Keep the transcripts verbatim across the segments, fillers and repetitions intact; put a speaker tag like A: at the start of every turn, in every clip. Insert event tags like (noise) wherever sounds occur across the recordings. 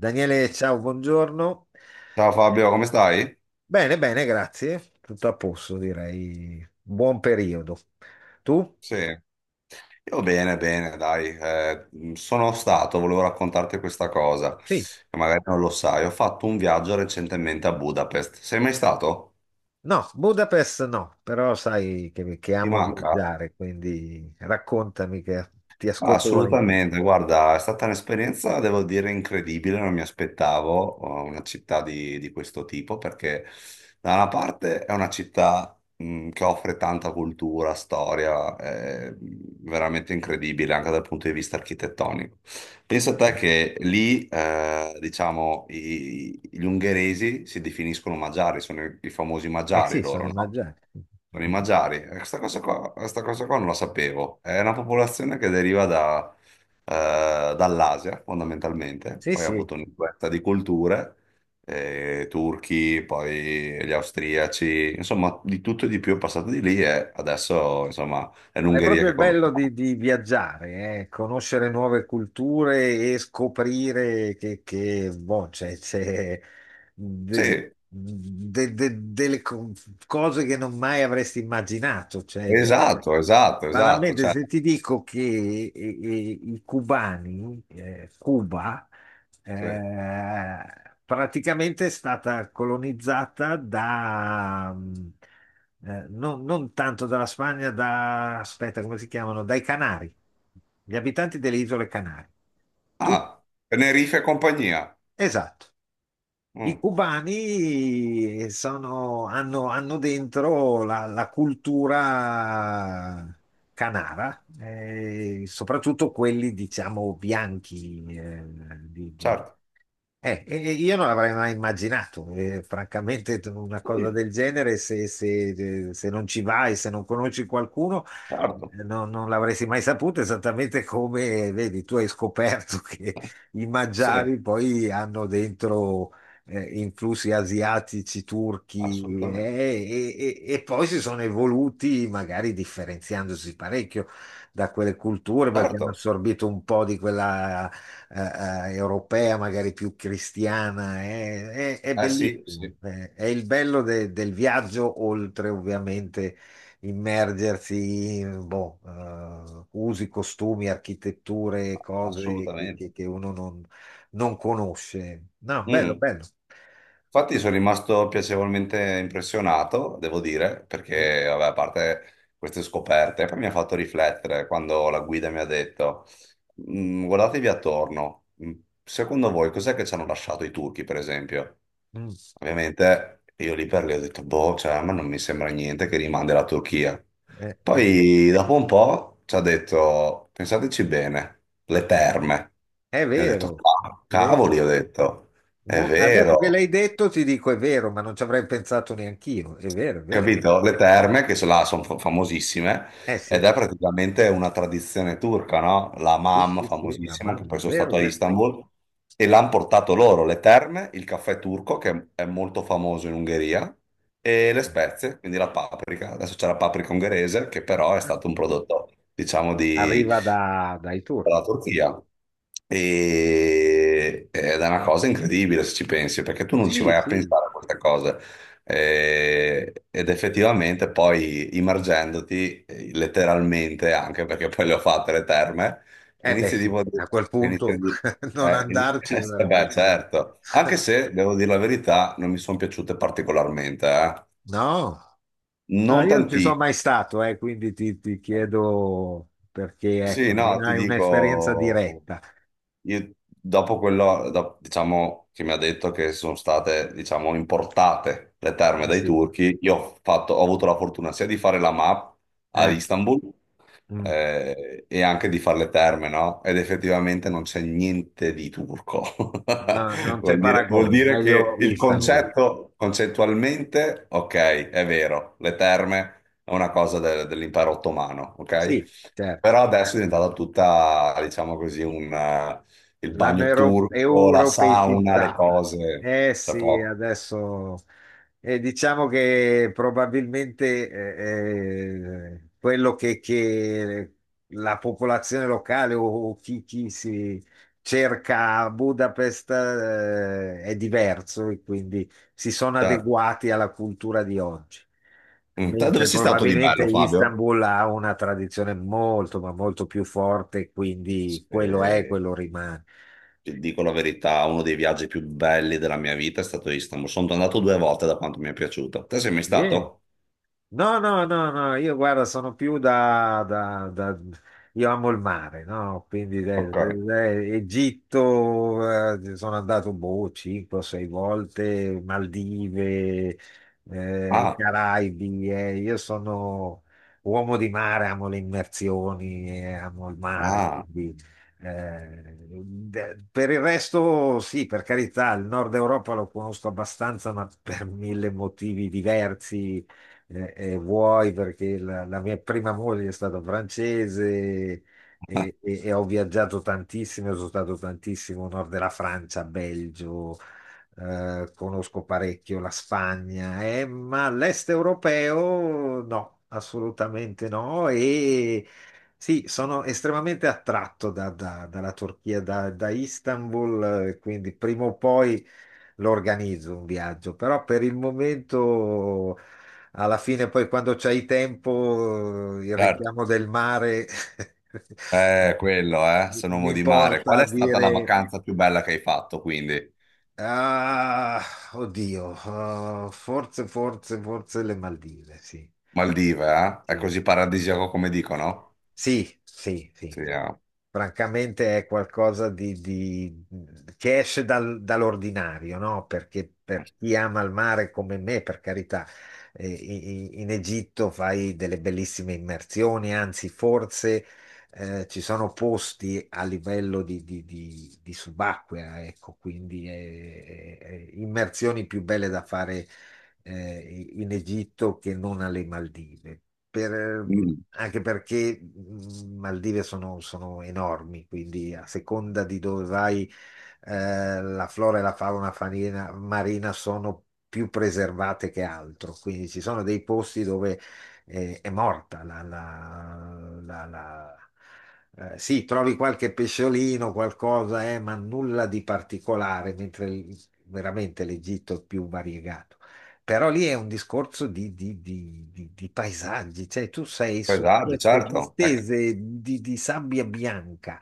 A: Daniele, ciao, buongiorno.
B: Ciao Fabio, come stai?
A: Bene, bene, grazie. Tutto a posto, direi. Buon periodo. Tu?
B: Sì, io bene, bene, dai. Eh, sono stato, volevo raccontarti questa cosa,
A: Sì.
B: che magari non lo sai. Ho fatto un viaggio recentemente a Budapest. Sei mai stato?
A: No, Budapest no, però sai che, che
B: Ti
A: amo
B: manca?
A: viaggiare, quindi raccontami che ti ascolto volentieri.
B: Assolutamente, guarda, è stata un'esperienza, devo dire, incredibile, non mi aspettavo eh, una città di, di questo tipo, perché da una parte è una città mh, che offre tanta cultura, storia, è veramente incredibile anche dal punto di vista architettonico. Pensa a te
A: Sì.
B: che lì, eh, diciamo, i- gli ungheresi si definiscono magiari, sono i, i famosi
A: Eh
B: magiari
A: sì, sono
B: loro,
A: in
B: no?
A: viaggiare.
B: Sono i Magiari. E Questa cosa qua, questa cosa qua non la sapevo. È una popolazione che deriva da, eh, dall'Asia, fondamentalmente.
A: Sì,
B: Poi ha
A: sì.
B: avuto un'influenza di culture, eh, turchi, poi gli austriaci, insomma, di tutto e di più è passato di lì e adesso, insomma, è
A: Ma è
B: l'Ungheria
A: proprio
B: che
A: il bello di,
B: conosciamo.
A: di viaggiare, eh, conoscere nuove culture e scoprire che, che, boh, c'è c'è de-
B: Sì,
A: de- de- delle co- cose che non mai avresti immaginato. Cioè, d-
B: esatto, esatto, esatto.
A: banalmente,
B: Cioè,
A: se ti dico che eh, eh, i cubani, eh, Cuba,
B: sì.
A: eh, praticamente è stata colonizzata da, mm, eh, non, non tanto dalla Spagna, da, aspetta, come si chiamano? Dai Canari, gli abitanti delle isole Canarie. Tut-
B: Ah, Tenerife e compagnia.
A: esatto. I
B: Mm,
A: cubani sono- hanno, hanno dentro la, la cultura canara, eh, soprattutto quelli, diciamo, bianchi,
B: certo.
A: eh, e- e io non l'avrei mai immaginato, eh, francamente, t- una cosa
B: Sì,
A: del genere, se, se- eh, se non ci vai, se non conosci qualcuno,
B: certo.
A: eh, non, non l'avresti mai saputo, esattamente come, eh, vedi, tu hai scoperto (laughs) che i
B: Sì,
A: magiari poi hanno dentro eh, influssi asiatici, turchi, eh,
B: assolutamente.
A: e, e e poi si sono evoluti, magari differenziandosi parecchio da quelle culture, perché
B: Certo.
A: hanno assorbito un po' di quella eh, eh, europea, magari più cristiana, è, è- è
B: Eh sì, sì,
A: bellissimo. È, è il bello de- del viaggio, oltre ovviamente immergersi in boh, eh, usi, costumi, architetture, cose che,
B: assolutamente.
A: che- che uno non, non conosce. No, bello,
B: Mm.
A: bello.
B: Infatti sono rimasto piacevolmente impressionato, devo dire,
A: Mm,
B: perché, vabbè, a parte queste scoperte, poi mi ha fatto riflettere quando la guida mi ha detto, "Mm, guardatevi attorno, Mm, secondo voi cos'è che ci hanno lasciato i turchi, per esempio?
A: mm.
B: Ovviamente io lì per lì ho detto, boh, cioè, ma non mi sembra niente che rimandi la Turchia.
A: Eh, eh,
B: Poi dopo un po' ci ha detto, pensateci bene, le terme.
A: È
B: Io ho detto,
A: vero,
B: "Ca-
A: vedi.
B: cavoli, ho detto, è Eh,
A: Mo- adesso che
B: vero,
A: l'hai detto ti dico è vero, ma non ci avrei pensato neanch'io. È vero, è vero.
B: Capito? Le terme, che sono, là, sono fa- famosissime,
A: Eh
B: ed
A: sì.
B: è praticamente una tradizione turca, no? La
A: Sì,
B: mam,
A: sì, sì, la
B: famosissima, che
A: mamma,
B: poi
A: è
B: sono
A: vero,
B: stato
A: è
B: a
A: vero.
B: Istanbul, e l'hanno portato loro, le terme, il caffè turco, che è molto famoso in Ungheria, e le spezie, quindi la paprika. Adesso c'è la paprika ungherese, che però è stato un prodotto, diciamo, di
A: Arriva da- dai
B: dalla
A: turchi.
B: Turchia. E, ed è una cosa incredibile se ci pensi, perché tu non ci
A: Sì,
B: vai a
A: sì.
B: pensare a queste cose. Eh, ed effettivamente poi immergendoti eh, letteralmente, anche perché poi le ho fatte le terme,
A: Eh beh,
B: inizi
A: sì,
B: tipo a dire,
A: a quel
B: inizi a
A: punto
B: dire-
A: (laughs) non
B: eh, in-
A: andarci
B: (laughs) eh,
A: sarebbe
B: beh,
A: stato.
B: certo, anche se devo dire la verità, non mi sono piaciute particolarmente, eh.
A: No, no,
B: Non
A: io non ci sono
B: tantissimo.
A: mai stato, eh, quindi ti, ti chiedo perché,
B: Sì,
A: ecco,
B: no,
A: almeno
B: ti
A: hai un'esperienza
B: dico,
A: diretta.
B: io dopo quello, do- diciamo, che mi ha detto che sono state, diciamo, importate le terme
A: Eh,
B: dai
A: sì.
B: turchi, io ho fatto, ho avuto la fortuna sia di fare la M A P ad
A: eh,
B: Istanbul,
A: mm.
B: eh, e anche di fare le terme, no? Ed effettivamente non c'è niente di turco. (laughs)
A: No, non c'è
B: Vuol dire, vuol
A: paragone,
B: dire
A: meglio
B: che il
A: Istanbul.
B: concetto, concettualmente, ok, è vero, le terme è una cosa del- dell'impero ottomano, ok?
A: Sì, certo.
B: Però adesso è diventata tutta, diciamo così, un, eh, il
A: L'hanno
B: bagno
A: euro-
B: turco, la sauna, le
A: europeicizzata.
B: cose.
A: Eh
B: C'è
A: sì,
B: poco.
A: adesso eh, diciamo che probabilmente eh, eh, quello che, che la popolazione locale o, o chi, chi si cerca a Budapest, eh, è diverso e quindi si sono
B: Certo.
A: adeguati alla cultura di oggi,
B: Mm. Te dove
A: mentre
B: sei stato di
A: probabilmente
B: bello, Fabio?
A: Istanbul ha una tradizione molto, ma molto più forte, quindi quello è,
B: Eh,
A: quello rimane.
B: ti dico la verità, uno dei viaggi più belli della mia vita è stato Istanbul. Sono andato due volte da quanto mi è piaciuto. Te sei mai
A: Eh,
B: stato?
A: No, no, no, no, io guarda, sono più da, da- da- Io amo il mare, no? Quindi eh,
B: Ok.
A: eh, Egitto, eh, sono andato, boh, cinque o sei volte, Maldive, eh, i
B: Ah,
A: Caraibi, eh, io sono uomo di mare, amo le immersioni, eh, amo il mare,
B: ah,
A: quindi... eh, de- per il resto, sì, per carità, il nord Europa lo conosco abbastanza, ma per mille motivi diversi eh, eh, vuoi perché la, la mia prima moglie è stata francese e,
B: (laughs)
A: e- e ho viaggiato tantissimo, sono stato tantissimo nord della Francia, Belgio, eh, conosco parecchio la Spagna, eh, ma l'est europeo no, assolutamente no. E sì, sono estremamente attratto da- da- dalla Turchia, da, da Istanbul, eh, quindi prima o poi lo organizzo un viaggio, però per il momento, alla fine, poi quando c'hai tempo, il
B: certo.
A: richiamo del mare (laughs)
B: Eh, quello, eh, sono
A: mi
B: uomo di mare.
A: porta
B: Qual
A: a
B: è stata
A: dire,
B: la vacanza più bella che hai fatto, quindi?
A: ah, oddio, ah, forse, forse, forse le Maldive, sì,
B: Maldive, eh? È
A: sì,
B: così paradisiaco come dicono?
A: sì, sì, sì.
B: Sì, ah.
A: Francamente è qualcosa di, di- che esce dal- dall'ordinario, no? Perché per chi ama il mare come me, per carità, eh, i- i- in Egitto fai delle bellissime immersioni, anzi forse eh, ci sono posti a livello di, di- di- di subacquea, ecco, quindi eh, eh, immersioni più belle da fare eh, in Egitto che non alle Maldive. Per-
B: Mm,
A: anche perché mh, Maldive sono, sono enormi, quindi a seconda di dove vai, eh, la flora e la fauna farina- marina sono più preservate che altro, quindi ci sono dei posti dove eh, è morta la, la- la- la- eh, sì, trovi qualche pesciolino, qualcosa, eh, ma nulla di particolare, mentre il- veramente l'Egitto è più variegato. Però lì è un discorso di, di- di- di- di paesaggi, cioè tu sei su
B: pesante,
A: queste
B: certo. Eh,
A: distese di, di sabbia bianca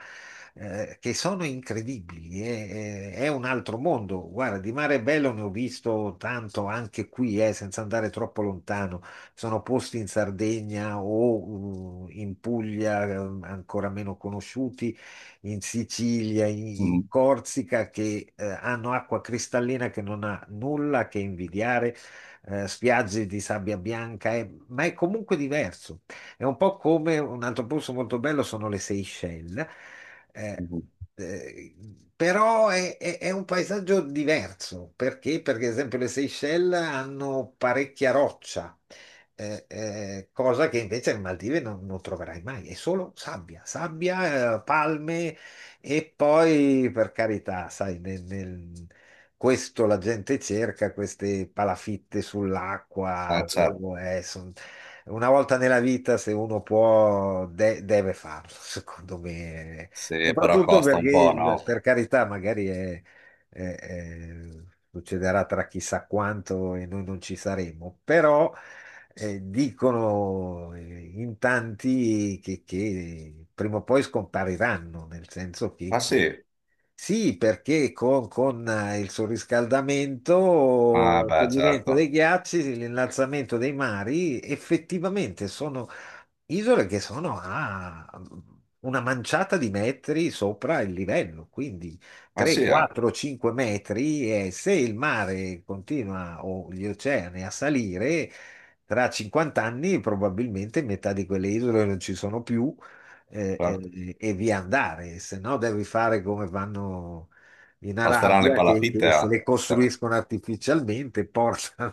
A: eh, che sono incredibili, è, è- è un altro mondo. Guarda, di mare bello ne ho visto tanto anche qui, eh, senza andare troppo lontano. Sono posti in Sardegna o uh, in Puglia, eh, ancora meno conosciuti, in Sicilia, in, in
B: mm,
A: Corsica, che eh, hanno acqua cristallina che non ha nulla che invidiare eh, spiagge di sabbia bianca, è- ma è comunque diverso. È un po' come un altro posto molto bello sono le Seychelles, eh,
B: mm,
A: eh, però è, è- è un paesaggio diverso. Perché? Perché, ad esempio, le Seychelles hanno parecchia roccia, eh, eh, cosa che invece alle Maldive non, non troverai mai, è solo sabbia, sabbia, eh, palme e poi, per carità, sai, nel, nel- questo la gente cerca, queste palafitte sull'acqua.
B: eh, certo.
A: o- eh, son- Una volta nella vita, se uno può, de- deve farlo, (laughs) secondo me.
B: Sì, però
A: Soprattutto
B: costa un po',
A: perché,
B: no?
A: per carità, magari è- è- è- succederà tra chissà quanto e noi non ci saremo, però eh, dicono eh, in tanti che, che prima o poi scompariranno, nel senso che,
B: Ah
A: che
B: sì?
A: sì, perché con, con eh, il
B: Ah
A: sorriscaldamento,
B: beh,
A: scioglimento
B: certo.
A: dei ghiacci, l'innalzamento dei mari, effettivamente sono isole che sono a una manciata di metri sopra il livello, quindi
B: Ah
A: tre,
B: sì, eh,
A: quattro, cinque metri e se il mare continua o gli oceani a salire, tra cinquanta anni probabilmente metà di quelle isole non ci sono più eh,
B: certo.
A: eh, e via andare, se no devi fare come vanno in
B: Costeranno le
A: Arabia che,
B: palafitte,
A: che se
B: eh?
A: le
B: (laughs)
A: costruiscono artificialmente,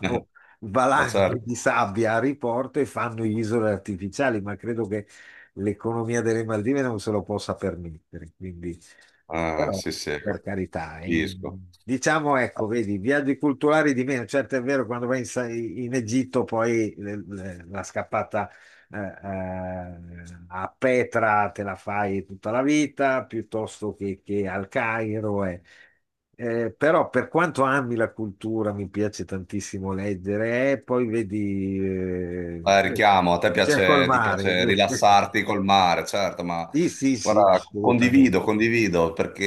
B: Eh,
A: (laughs)
B: ma
A: valanghe
B: certo.
A: di sabbia a riporto e fanno isole artificiali, ma credo che l'economia delle Maldive non se lo possa permettere, quindi
B: Ah,
A: però
B: sì, sì,
A: per carità, eh,
B: capisco.
A: diciamo ecco, vedi, viaggi culturali di meno, certo è vero quando vai in, Sa- in Egitto poi le- le- la scappata eh, eh, a Petra te la fai tutta la vita piuttosto che, che al Cairo. eh. Eh, però per quanto ami la cultura, mi piace tantissimo leggere, eh, poi vedi, eh,
B: Eh, richiamo, a te
A: c'è col
B: piace, ti piace
A: mare. (laughs)
B: rilassarti col mare, certo, ma
A: Sì, sì, sì,
B: guarda, condivido,
A: assolutamente.
B: condivido, perché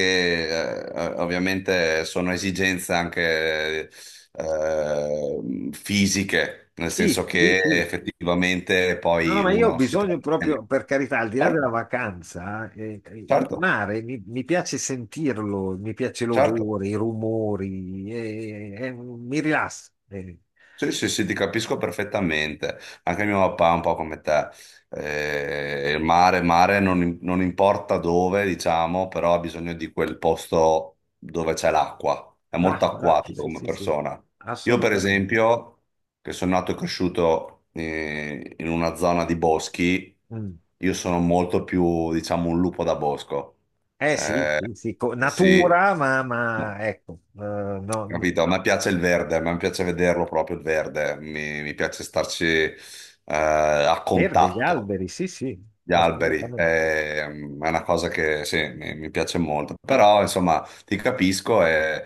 B: eh, eh, ovviamente sono esigenze anche eh, fisiche, nel
A: Sì,
B: senso
A: sì,
B: che
A: sì.
B: effettivamente
A: No, no,
B: poi
A: ma io ho
B: uno si
A: bisogno
B: trova meglio.
A: proprio, per carità, al di là della
B: Certo,
A: vacanza, eh, il
B: certo,
A: mare mi, mi piace sentirlo, mi piace
B: certo.
A: l'odore, i rumori, eh, eh, mi rilassa. eh.
B: Sì, sì, sì, ti capisco perfettamente. Anche mio papà è un po' come te. Eh, il mare, mare non, non importa dove, diciamo, però ha bisogno di quel posto dove c'è l'acqua. È molto
A: L'acqua, l'acqua,
B: acquatico
A: sì,
B: come
A: sì, sì,
B: persona. Io, per
A: assolutamente.
B: esempio, che sono nato e cresciuto eh, in una zona di boschi,
A: Mm.
B: io sono molto più, diciamo, un lupo da bosco.
A: Eh sì,
B: Eh,
A: sì, sì, co-
B: sì.
A: natura, ma, ma,
B: No.
A: ecco, eh, no, no,
B: Capito? A me piace il verde, a me piace vederlo proprio il verde, mi, mi piace starci eh, a
A: verde, gli
B: contatto.
A: alberi, sì, sì,
B: Gli alberi
A: assolutamente.
B: eh, mm, è, una cosa che sì, mi, mi piace molto, però insomma ti capisco e,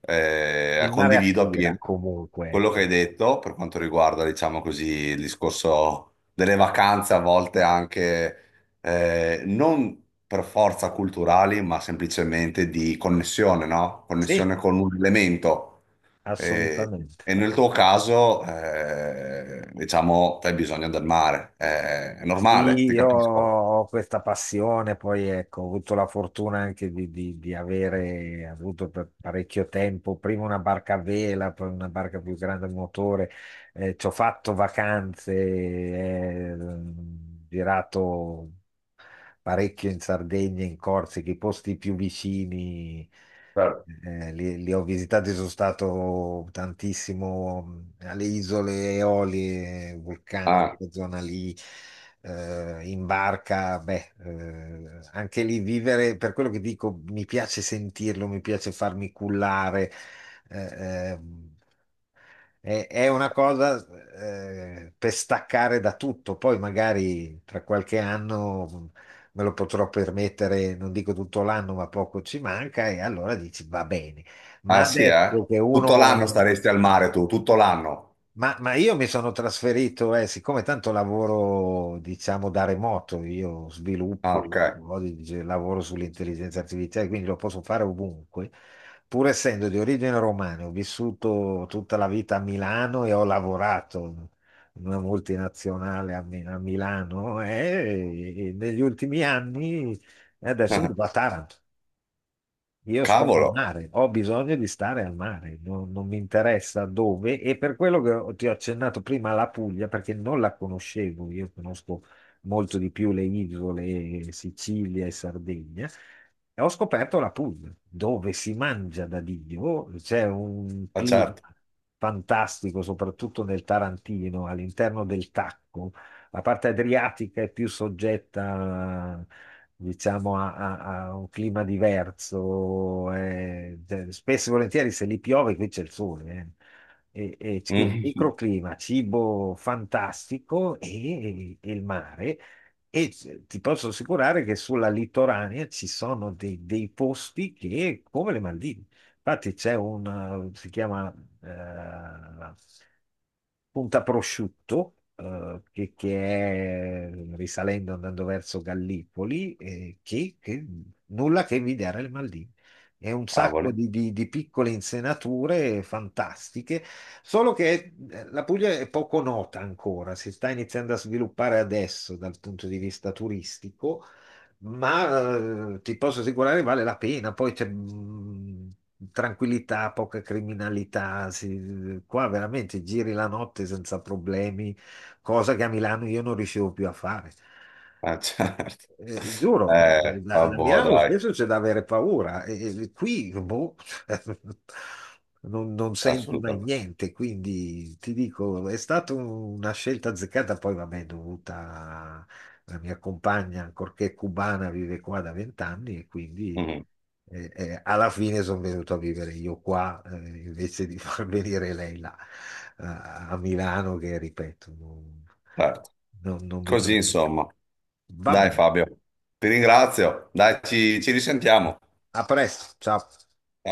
B: e
A: Il mare
B: condivido
A: attira
B: appieno
A: comunque,
B: quello
A: ecco.
B: che hai detto per quanto riguarda, diciamo così, il discorso delle vacanze, a volte anche eh, non per forza culturali, ma semplicemente di connessione, no?
A: Sì,
B: Connessione con un elemento. Eh,
A: assolutamente.
B: e nel tuo caso, eh, diciamo, tu hai bisogno del mare. Eh, è normale,
A: Sì,
B: ti
A: io
B: capisco.
A: ho questa passione, poi ecco, ho avuto la fortuna anche di, di- di avere avuto per parecchio tempo prima una barca a vela, poi una barca più grande a motore, eh, ci ho fatto vacanze, eh, girato parecchio in Sardegna, in Corsica, i posti più vicini,
B: Certo.
A: eh, li, li ho visitati, sono stato tantissimo mh, alle isole Eolie, Vulcano,
B: Ah,
A: quella zona lì, eh, in barca, beh, eh, anche lì vivere, per quello che dico, mi piace sentirlo, mi piace farmi cullare. eh, eh, è, è una cosa eh, per staccare da tutto, poi magari tra qualche anno mm, me lo potrò permettere, non dico tutto l'anno, ma poco ci manca e allora dici va bene. Ma
B: ah, sì, eh?
A: adesso che uno
B: Tutto l'anno staresti al mare tu, tutto l'anno.
A: ma, ma io mi sono trasferito, eh, siccome tanto lavoro, diciamo, da remoto, io
B: Ah,
A: sviluppo,
B: ok.
A: oggi lavoro sull'intelligenza artificiale, quindi lo posso fare ovunque. Pur essendo di origine romana, ho vissuto tutta la vita a Milano e ho lavorato in una multinazionale a, Mi- a Milano eh, e negli ultimi anni, e adesso vivo a
B: (laughs)
A: Taranto. Io sto al
B: Cavolo,
A: mare, ho bisogno di stare al mare, non, non mi interessa dove e per quello che ho- ti ho accennato prima la Puglia, perché non la conoscevo, io conosco molto di più le isole, Sicilia e Sardegna, e ho scoperto la Puglia, dove si mangia da Dio, c'è un
B: ma
A: clima
B: certo. (laughs)
A: fantastico, soprattutto nel Tarantino, all'interno del Tacco la parte adriatica è più soggetta, diciamo, a, a- a un clima diverso. Eh, cioè, spesso e volentieri se lì piove qui c'è il sole. eh. E, e quindi
B: Mhm.
A: microclima, cibo fantastico e, e il mare. E c- ti posso assicurare che sulla litoranea ci sono dei, dei posti che, come le Maldive, infatti c'è un, eh, si chiama eh, Punta Prosciutto, eh, che, che è risalendo, andando verso Gallipoli, eh, che, che nulla che invidiare le Maldive. È un sacco
B: Cavoli,
A: di, di- di piccole insenature fantastiche, solo che eh, la Puglia è poco nota ancora, si sta iniziando a sviluppare adesso dal punto di vista turistico ma eh, ti posso assicurare vale la pena. Poi c'è mh, tranquillità, poca criminalità. Si- qua veramente giri la notte senza problemi, cosa che a Milano io non riuscivo più a fare.
B: ma certo.
A: Eh, giuro, eh,
B: Eh,
A: da, da
B: vabbè,
A: Milano
B: dai,
A: spesso c'è da avere paura, e, e qui boh, (laughs) non, non senti mai
B: assolutamente.
A: niente, quindi ti dico, è stata un- una scelta azzeccata, poi vabbè, dovuta alla mia compagna, ancorché cubana, vive qua da vent'anni e quindi
B: Mhm,
A: eh, eh, alla fine sono venuto a vivere io qua, eh, invece di (laughs) far venire lei là, eh, a Milano, che ripeto, non,
B: certo.
A: non- non mi
B: Così,
A: piace.
B: insomma.
A: Vabbè.
B: Dai, Fabio, ti ringrazio. Dai, ci ci risentiamo.
A: A presto, ciao.